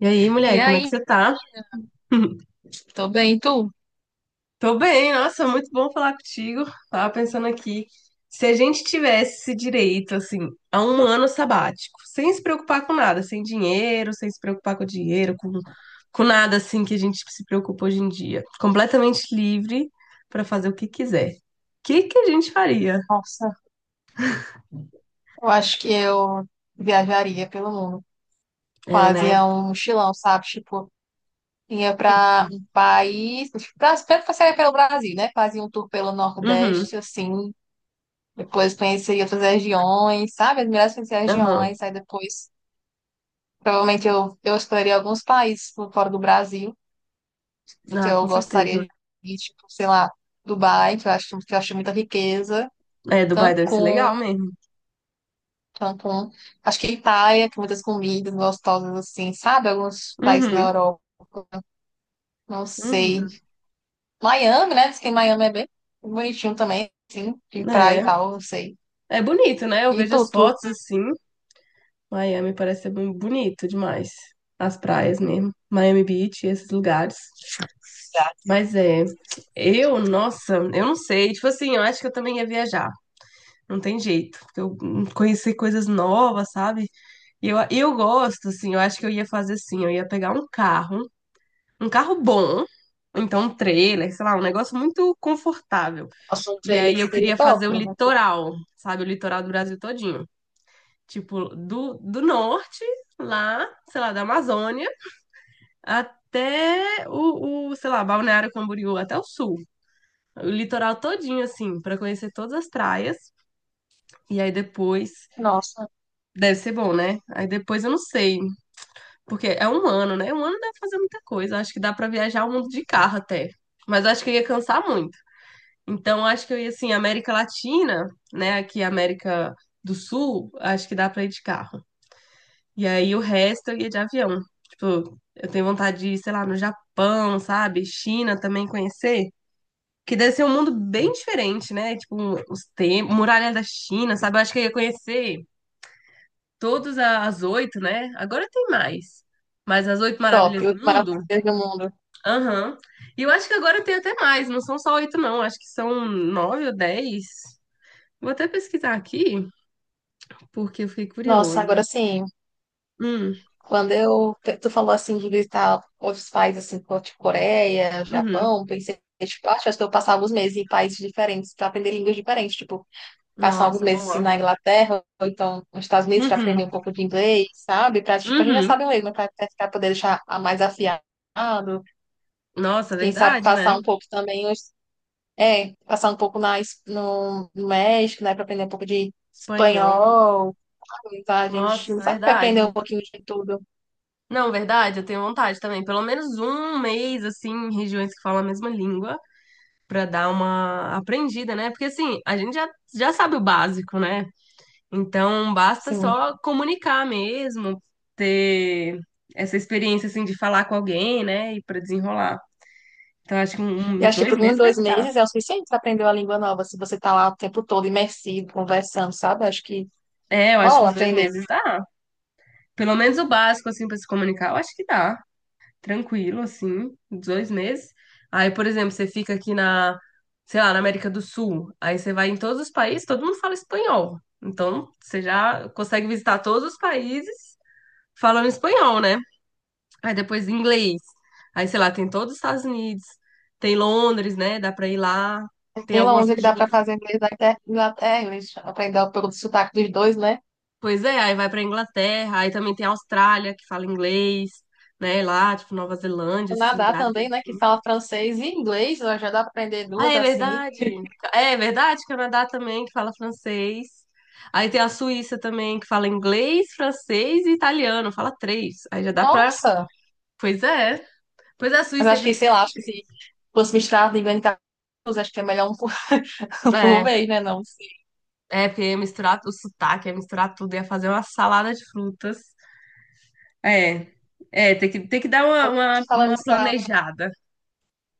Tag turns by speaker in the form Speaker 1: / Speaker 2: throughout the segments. Speaker 1: E aí,
Speaker 2: E
Speaker 1: mulher, como é que
Speaker 2: aí?
Speaker 1: você tá?
Speaker 2: Tô bem, e tu?
Speaker 1: Tô bem, nossa, muito bom falar contigo. Tava pensando aqui, se a gente tivesse esse direito, assim, a um ano sabático, sem se preocupar com nada, sem dinheiro, sem se preocupar com dinheiro, com nada, assim, que a gente se preocupa hoje em dia, completamente livre pra fazer o que quiser. O que que a gente faria?
Speaker 2: Nossa, eu acho que eu viajaria pelo mundo.
Speaker 1: É, né?
Speaker 2: Fazia um mochilão, sabe? Tipo, ia pra um país. Tipo, pra, primeiro passaria pelo Brasil, né? Fazia um tour pelo
Speaker 1: Uhum,
Speaker 2: Nordeste, assim. Depois conheceria outras regiões, sabe? As melhores, conhecer as
Speaker 1: aham.
Speaker 2: regiões. Aí depois, provavelmente, eu exploraria alguns países por fora do Brasil, que
Speaker 1: Ah,
Speaker 2: eu
Speaker 1: com
Speaker 2: gostaria
Speaker 1: certeza.
Speaker 2: de ir, tipo, sei lá, Dubai, que eu acho muita riqueza.
Speaker 1: É, Dubai deve ser
Speaker 2: Cancún.
Speaker 1: legal mesmo.
Speaker 2: Cancún. Acho que Itália tem muitas comidas gostosas assim, sabe? Alguns países na
Speaker 1: Uhum,
Speaker 2: Europa. Não sei.
Speaker 1: uhum.
Speaker 2: Miami, né? Diz que Miami é bem bonitinho também, assim, de praia e
Speaker 1: É,
Speaker 2: tal, não sei.
Speaker 1: é bonito, né? Eu
Speaker 2: E
Speaker 1: vejo as fotos assim. Miami parece ser bem bonito demais. As praias mesmo. Miami Beach, esses lugares. Mas é, eu, nossa, eu não sei. Tipo assim, eu acho que eu também ia viajar. Não tem jeito, porque eu conheci coisas novas, sabe? E eu gosto, assim, eu acho que eu ia fazer assim, eu ia pegar um carro bom, ou então um trailer, sei lá, um negócio muito confortável.
Speaker 2: a sua
Speaker 1: E aí
Speaker 2: playlist
Speaker 1: eu
Speaker 2: seria
Speaker 1: queria
Speaker 2: top,
Speaker 1: fazer o
Speaker 2: né?
Speaker 1: litoral, sabe? O litoral do Brasil todinho. Tipo, do norte, lá, sei lá, da Amazônia até o, sei lá, Balneário Camboriú, até o sul. O litoral todinho, assim, pra conhecer todas as praias. E aí depois.
Speaker 2: Nossa,
Speaker 1: Deve ser bom, né? Aí depois eu não sei. Porque é um ano, né? Um ano dá pra fazer muita coisa. Acho que dá pra viajar o mundo de carro até. Mas eu acho que eu ia cansar muito. Então, acho que eu ia, assim, América Latina, né? Aqui, América do Sul, acho que dá pra ir de carro. E aí o resto eu ia de avião. Tipo, eu tenho vontade de ir, sei lá, no Japão, sabe? China também conhecer. Que deve ser um mundo bem diferente, né? Tipo, os tempos, Muralha da China, sabe? Eu acho que eu ia conhecer todas as oito, né? Agora tem mais. Mas as oito
Speaker 2: top,
Speaker 1: maravilhas
Speaker 2: o
Speaker 1: do mundo?
Speaker 2: maravilha do mundo.
Speaker 1: Aham. E eu acho que agora tem até mais, não são só oito, não. Acho que são nove ou dez. Vou até pesquisar aqui, porque eu fiquei
Speaker 2: Nossa, agora
Speaker 1: curiosa.
Speaker 2: sim,
Speaker 1: Hum,
Speaker 2: quando eu, tu falou assim de visitar outros países, assim, como, tipo Coreia,
Speaker 1: uhum.
Speaker 2: Japão, pensei, tipo, acho que eu passava os meses em países diferentes para aprender línguas diferentes, tipo, passar alguns
Speaker 1: Nossa,
Speaker 2: meses
Speaker 1: boa.
Speaker 2: na Inglaterra, ou então nos Estados Unidos, para
Speaker 1: Uhum,
Speaker 2: aprender um pouco de inglês, sabe? Para tipo, a gente já
Speaker 1: uhum.
Speaker 2: sabe o inglês, mas para poder deixar a mais afiado,
Speaker 1: Nossa,
Speaker 2: quem sabe
Speaker 1: verdade,
Speaker 2: passar
Speaker 1: né?
Speaker 2: um pouco também, é, passar um pouco na, no México, né, para aprender um pouco de
Speaker 1: Espanhol.
Speaker 2: espanhol, sabe? Tá? A gente não
Speaker 1: Nossa,
Speaker 2: sabe, que aprender um
Speaker 1: verdade.
Speaker 2: pouquinho de tudo.
Speaker 1: Não, verdade, eu tenho vontade também. Pelo menos um mês, assim, em regiões que falam a mesma língua, pra dar uma aprendida, né? Porque, assim, a gente já sabe o básico, né? Então, basta
Speaker 2: Sim.
Speaker 1: só comunicar mesmo, ter essa experiência, assim, de falar com alguém, né? E pra desenrolar. Então, acho que um- um,
Speaker 2: E
Speaker 1: uns
Speaker 2: acho que
Speaker 1: dois
Speaker 2: por um,
Speaker 1: meses
Speaker 2: dois
Speaker 1: deve dar.
Speaker 2: meses é o suficiente para aprender uma língua nova, se você tá lá o tempo todo imersivo, conversando, sabe? Acho que
Speaker 1: É, eu acho que
Speaker 2: rola
Speaker 1: uns dois
Speaker 2: aprender.
Speaker 1: meses dá. Pelo menos o básico, assim, pra se comunicar, eu acho que dá. Tranquilo, assim, 2 meses. Aí, por exemplo, você fica aqui na, sei lá, na América do Sul, aí você vai em todos os países, todo mundo fala espanhol. Então, você já consegue visitar todos os países falando espanhol, né? Aí depois inglês. Aí, sei lá, tem todos os Estados Unidos, tem Londres, né? Dá pra ir lá. Tem
Speaker 2: Tem
Speaker 1: algumas
Speaker 2: Londres que dá para
Speaker 1: regiões.
Speaker 2: fazer inglês da Inglaterra, inglês, aprender pelo sotaque dos dois, né?
Speaker 1: Pois é, aí vai pra Inglaterra, aí também tem a Austrália, que fala inglês, né? Lá, tipo, Nova Zelândia, esses
Speaker 2: Canadá
Speaker 1: lugares.
Speaker 2: também, né? Que fala francês e inglês, ó, já dá para aprender
Speaker 1: Ah,
Speaker 2: duas
Speaker 1: é
Speaker 2: assim.
Speaker 1: verdade. É verdade, Canadá também, que fala francês. Aí tem a Suíça também, que fala inglês, francês e italiano, fala três. Aí já dá pra.
Speaker 2: Nossa!
Speaker 1: Pois é. Pois é, a
Speaker 2: Mas
Speaker 1: Suíça é
Speaker 2: acho que, sei
Speaker 1: dividida
Speaker 2: lá,
Speaker 1: em
Speaker 2: acho que
Speaker 1: três.
Speaker 2: se fosse misturar língua em casa, acho que é melhor por
Speaker 1: É,
Speaker 2: vez, né? Não. Sim.
Speaker 1: é, porque ia misturar o sotaque, ia misturar tudo, ia fazer uma salada de frutas. É, é, tem que dar uma, uma,
Speaker 2: Falando
Speaker 1: uma
Speaker 2: isso,
Speaker 1: planejada.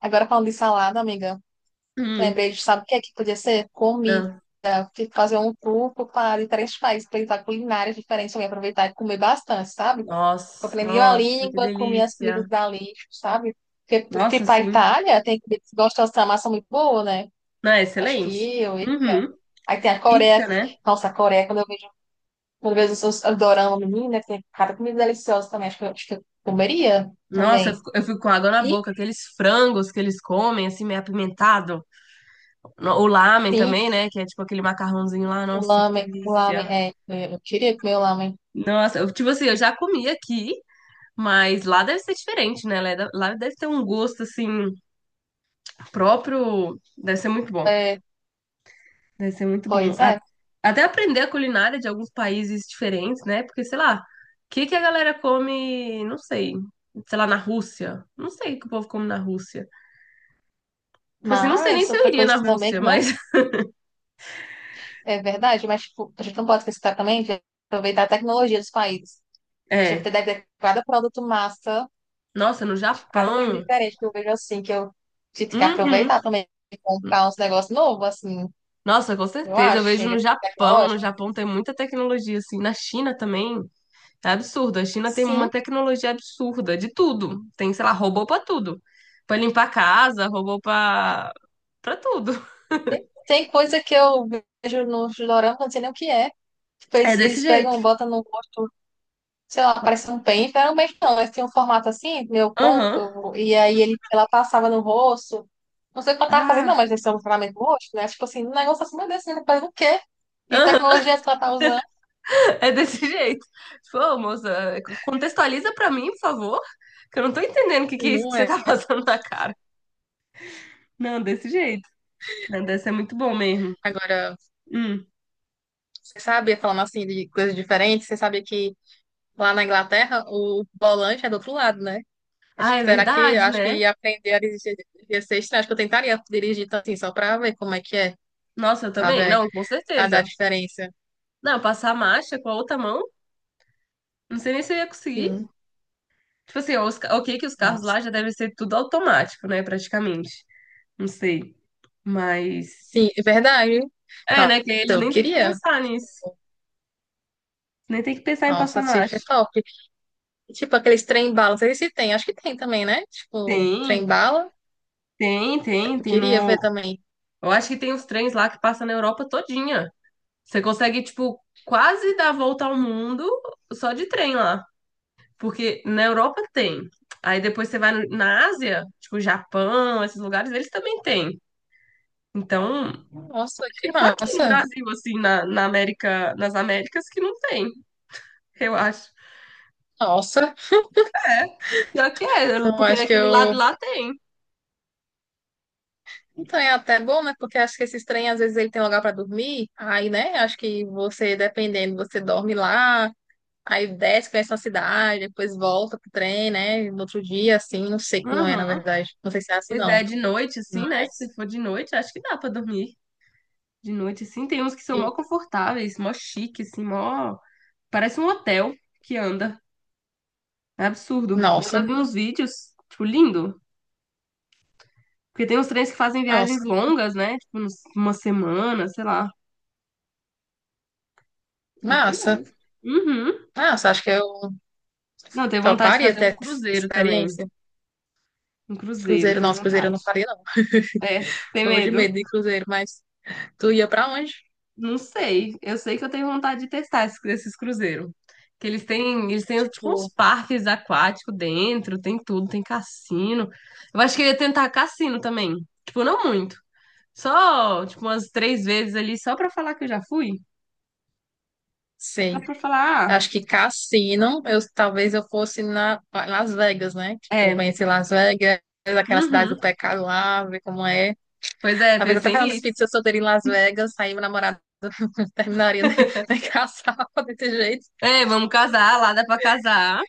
Speaker 2: agora falando de salada, amiga,
Speaker 1: Hum,
Speaker 2: lembrei de, sabe o que é que podia ser? Comida.
Speaker 1: ah,
Speaker 2: Fazer um tour para diferentes países, para culinárias diferentes, também aproveitar e comer bastante, sabe?
Speaker 1: nossa,
Speaker 2: Aprendi a
Speaker 1: nossa, que
Speaker 2: língua, comi as comidas
Speaker 1: delícia.
Speaker 2: dali, sabe? Porque
Speaker 1: Nossa,
Speaker 2: para a
Speaker 1: sim.
Speaker 2: Itália tem que gostar dessa massa muito boa, né?
Speaker 1: Não, é
Speaker 2: Acho
Speaker 1: excelente.
Speaker 2: que eu.
Speaker 1: Uhum.
Speaker 2: Aí tem a Coreia.
Speaker 1: Pizza, né?
Speaker 2: Nossa, a Coreia, quando eu vejo os dorama, menina, tem cada comida deliciosa também. Acho que eu comeria
Speaker 1: Nossa, eu
Speaker 2: também.
Speaker 1: fico, eu fico com água na
Speaker 2: E
Speaker 1: boca. Aqueles frangos que eles comem, assim, meio apimentado. O lamen
Speaker 2: sim,
Speaker 1: também, né? Que é tipo aquele macarrãozinho lá. Nossa, que
Speaker 2: o lamen,
Speaker 1: delícia.
Speaker 2: é, eu queria comer o lamen.
Speaker 1: Nossa, tipo assim, eu já comi aqui, mas lá deve ser diferente, né? Lá deve ter um gosto, assim, próprio. Deve ser muito bom.
Speaker 2: É,
Speaker 1: Deve ser muito bom.
Speaker 2: pois é.
Speaker 1: Até aprender a culinária de alguns países diferentes, né? Porque, sei lá, o que que a galera come, não sei, sei lá, na Rússia. Não sei o que o povo come na Rússia. Tipo assim, não sei nem
Speaker 2: Mas
Speaker 1: se eu
Speaker 2: outra
Speaker 1: iria
Speaker 2: coisa
Speaker 1: na
Speaker 2: que também
Speaker 1: Rússia,
Speaker 2: que não
Speaker 1: mas
Speaker 2: é verdade, mas tipo, a gente não pode esquecer também de aproveitar a tecnologia dos países.
Speaker 1: é.
Speaker 2: Gente, deve ter cada produto massa,
Speaker 1: Nossa, no
Speaker 2: tipo, cada coisa
Speaker 1: Japão.
Speaker 2: diferente que eu vejo assim, que eu tive que
Speaker 1: Uhum.
Speaker 2: aproveitar também e comprar uns negócios novos, assim,
Speaker 1: Nossa, com
Speaker 2: eu
Speaker 1: certeza. Eu
Speaker 2: acho,
Speaker 1: vejo
Speaker 2: em
Speaker 1: no Japão. No
Speaker 2: tecnológico.
Speaker 1: Japão tem muita tecnologia, assim. Na China também. É absurdo. A China tem uma
Speaker 2: Sim,
Speaker 1: tecnologia absurda de tudo. Tem, sei lá, robô pra tudo. Pra limpar a casa, robô pra tudo.
Speaker 2: tem coisa que eu vejo nos doramas, não sei nem o que é. Tipo,
Speaker 1: É
Speaker 2: eles,
Speaker 1: desse
Speaker 2: eles
Speaker 1: jeito.
Speaker 2: pegam, botam no rosto, sei lá, parece um pente, era um pente não, eles tinham um formato assim, meio
Speaker 1: Aham.
Speaker 2: côncavo, e aí ele, ela passava no rosto. Não sei o que ela tava fazendo, não,
Speaker 1: Ah,
Speaker 2: mas eles são um formato no rosto, né? Tipo assim, um negócio assim, meu Deus, você tá fazendo o quê? E
Speaker 1: aham,
Speaker 2: tecnologias que ela tá usando.
Speaker 1: é desse jeito. Tipo, ô, moça, contextualiza pra mim, por favor, que eu não tô entendendo o que que é isso que
Speaker 2: Não
Speaker 1: você
Speaker 2: é.
Speaker 1: tá passando na cara. Não, desse jeito. Né, deve ser muito bom mesmo.
Speaker 2: Agora.
Speaker 1: Hum.
Speaker 2: Você sabia, falando assim de coisas diferentes, você sabia que lá na Inglaterra o volante é do outro lado, né? Mas,
Speaker 1: Ah, é
Speaker 2: tipo, será que,
Speaker 1: verdade,
Speaker 2: acho
Speaker 1: né?
Speaker 2: que aprender a dirigir ia ser estranho? Acho que eu tentaria dirigir tanto assim, só pra ver como é que é,
Speaker 1: Nossa, eu
Speaker 2: sabe?
Speaker 1: também?
Speaker 2: É,
Speaker 1: Não, com
Speaker 2: cada a
Speaker 1: certeza.
Speaker 2: diferença.
Speaker 1: Não, passar a marcha com a outra mão, não sei nem se eu ia conseguir.
Speaker 2: Sim,
Speaker 1: Tipo assim, ok que os carros
Speaker 2: nossa.
Speaker 1: lá já devem ser tudo automático, né, praticamente. Não sei. Mas,
Speaker 2: Sim, é verdade.
Speaker 1: é,
Speaker 2: Nossa,
Speaker 1: né, que eles
Speaker 2: eu
Speaker 1: nem têm que
Speaker 2: queria.
Speaker 1: pensar nisso. Nem tem que pensar em passar
Speaker 2: Nossa, se é
Speaker 1: marcha.
Speaker 2: top. Tipo, aqueles trem-bala, não sei se tem, acho que tem também, né? Tipo,
Speaker 1: Tem,
Speaker 2: trem-bala.
Speaker 1: tem, tem,
Speaker 2: Eu
Speaker 1: tem
Speaker 2: queria ver
Speaker 1: no.
Speaker 2: também.
Speaker 1: Eu acho que tem os trens lá que passam na Europa todinha. Você consegue, tipo, quase dar a volta ao mundo só de trem lá. Porque na Europa tem. Aí depois você vai na Ásia, tipo, Japão, esses lugares, eles também têm. Então, acho
Speaker 2: Nossa, que
Speaker 1: que só aqui no
Speaker 2: massa.
Speaker 1: Brasil, assim, na América, nas Américas que não tem, eu acho.
Speaker 2: Nossa.
Speaker 1: Pior que é,
Speaker 2: Então,
Speaker 1: porque
Speaker 2: acho que
Speaker 1: daquele lado
Speaker 2: eu.
Speaker 1: lá tem.
Speaker 2: Então é até bom, né? Porque acho que esses trem, às vezes, ele tem lugar para dormir. Aí, né? Acho que você, dependendo, você dorme lá, aí desce, conhece uma cidade, depois volta pro trem, né? No outro dia, assim, não sei como é, na
Speaker 1: Uhum.
Speaker 2: verdade. Não sei se é assim,
Speaker 1: Pois é,
Speaker 2: não.
Speaker 1: de noite, assim, né? Se
Speaker 2: Mas,
Speaker 1: for de noite, acho que dá pra dormir. De noite, assim. Tem uns que são mó
Speaker 2: enfim,
Speaker 1: confortáveis, mó chique, assim, mó. Parece um hotel que anda. É absurdo. Eu já
Speaker 2: nossa,
Speaker 1: vi uns vídeos, tipo, lindo. Porque tem uns trens que fazem
Speaker 2: nossa,
Speaker 1: viagens longas, né? Tipo, uma semana, sei lá. Até
Speaker 2: massa.
Speaker 1: mais. Uhum.
Speaker 2: Massa, acho que eu
Speaker 1: Não, tenho vontade de
Speaker 2: toparia
Speaker 1: fazer um
Speaker 2: ter essa
Speaker 1: cruzeiro também.
Speaker 2: experiência.
Speaker 1: Um cruzeiro,
Speaker 2: Cruzeiro,
Speaker 1: tenho
Speaker 2: nossa, cruzeiro eu
Speaker 1: vontade.
Speaker 2: não faria, não.
Speaker 1: É, tem
Speaker 2: Morro de
Speaker 1: medo.
Speaker 2: medo de cruzeiro, mas tu ia pra onde?
Speaker 1: Não sei. Eu sei que eu tenho vontade de testar esses cruzeiros. Que eles têm tipo uns
Speaker 2: Tipo,
Speaker 1: parques aquáticos dentro, tem tudo, tem cassino. Eu acho que eu ia tentar cassino também. Tipo, não muito. Só, tipo, umas três vezes ali, só pra falar que eu já fui. Só
Speaker 2: sei.
Speaker 1: pra falar, ah,
Speaker 2: Acho que cassino, eu, talvez eu fosse na Las Vegas, né? Tipo,
Speaker 1: é.
Speaker 2: conhecer Las Vegas, aquela cidade do
Speaker 1: Uhum.
Speaker 2: pecado lá, ver como é.
Speaker 1: Pois é,
Speaker 2: Talvez até
Speaker 1: pensei
Speaker 2: fazendo espírito
Speaker 1: nisso.
Speaker 2: se eu solteira em Las Vegas, aí meu namorado terminaria de casar desse jeito.
Speaker 1: É, vamos casar, lá dá pra casar.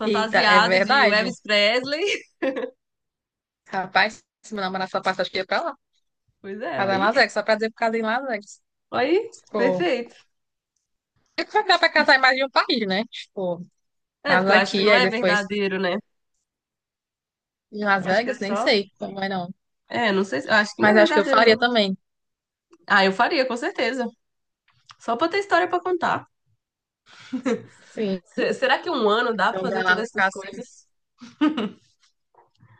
Speaker 2: Eita, é
Speaker 1: de
Speaker 2: verdade.
Speaker 1: Elvis Presley.
Speaker 2: Rapaz, se meu namorado só passa, acho que ia pra lá.
Speaker 1: Pois é,
Speaker 2: Casar em
Speaker 1: aí.
Speaker 2: Las Vegas, só pra dizer por causa em Las Vegas.
Speaker 1: Aí,
Speaker 2: Tipo,
Speaker 1: perfeito.
Speaker 2: é que dá pra casar em mais de um país, né? Tipo,
Speaker 1: É, porque
Speaker 2: casa
Speaker 1: eu acho que
Speaker 2: aqui,
Speaker 1: não
Speaker 2: aí
Speaker 1: é
Speaker 2: depois
Speaker 1: verdadeiro, né?
Speaker 2: em Las
Speaker 1: Eu acho que é
Speaker 2: Vegas, nem
Speaker 1: só
Speaker 2: sei como é não.
Speaker 1: É, não sei, eu acho que não é
Speaker 2: Mas acho que eu
Speaker 1: verdadeiro,
Speaker 2: faria
Speaker 1: não.
Speaker 2: também.
Speaker 1: Ah, eu faria, com certeza. Só pra ter história pra contar.
Speaker 2: Sim.
Speaker 1: Será que um ano dá pra fazer
Speaker 2: Jogar lá
Speaker 1: todas
Speaker 2: nos
Speaker 1: essas
Speaker 2: cassinos.
Speaker 1: coisas?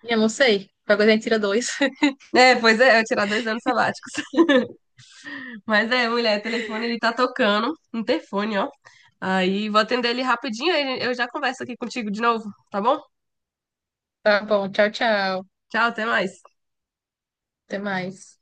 Speaker 2: E eu não sei. Qualquer coisa a gente tira dois.
Speaker 1: É, pois é, eu tirar 2 anos sabáticos. Mas é, mulher, o telefone, ele tá tocando. Um interfone, ó. Aí, vou atender ele rapidinho, aí eu já converso aqui contigo de novo, tá bom?
Speaker 2: Tá bom, tchau, tchau.
Speaker 1: Tchau, até mais.
Speaker 2: Até mais.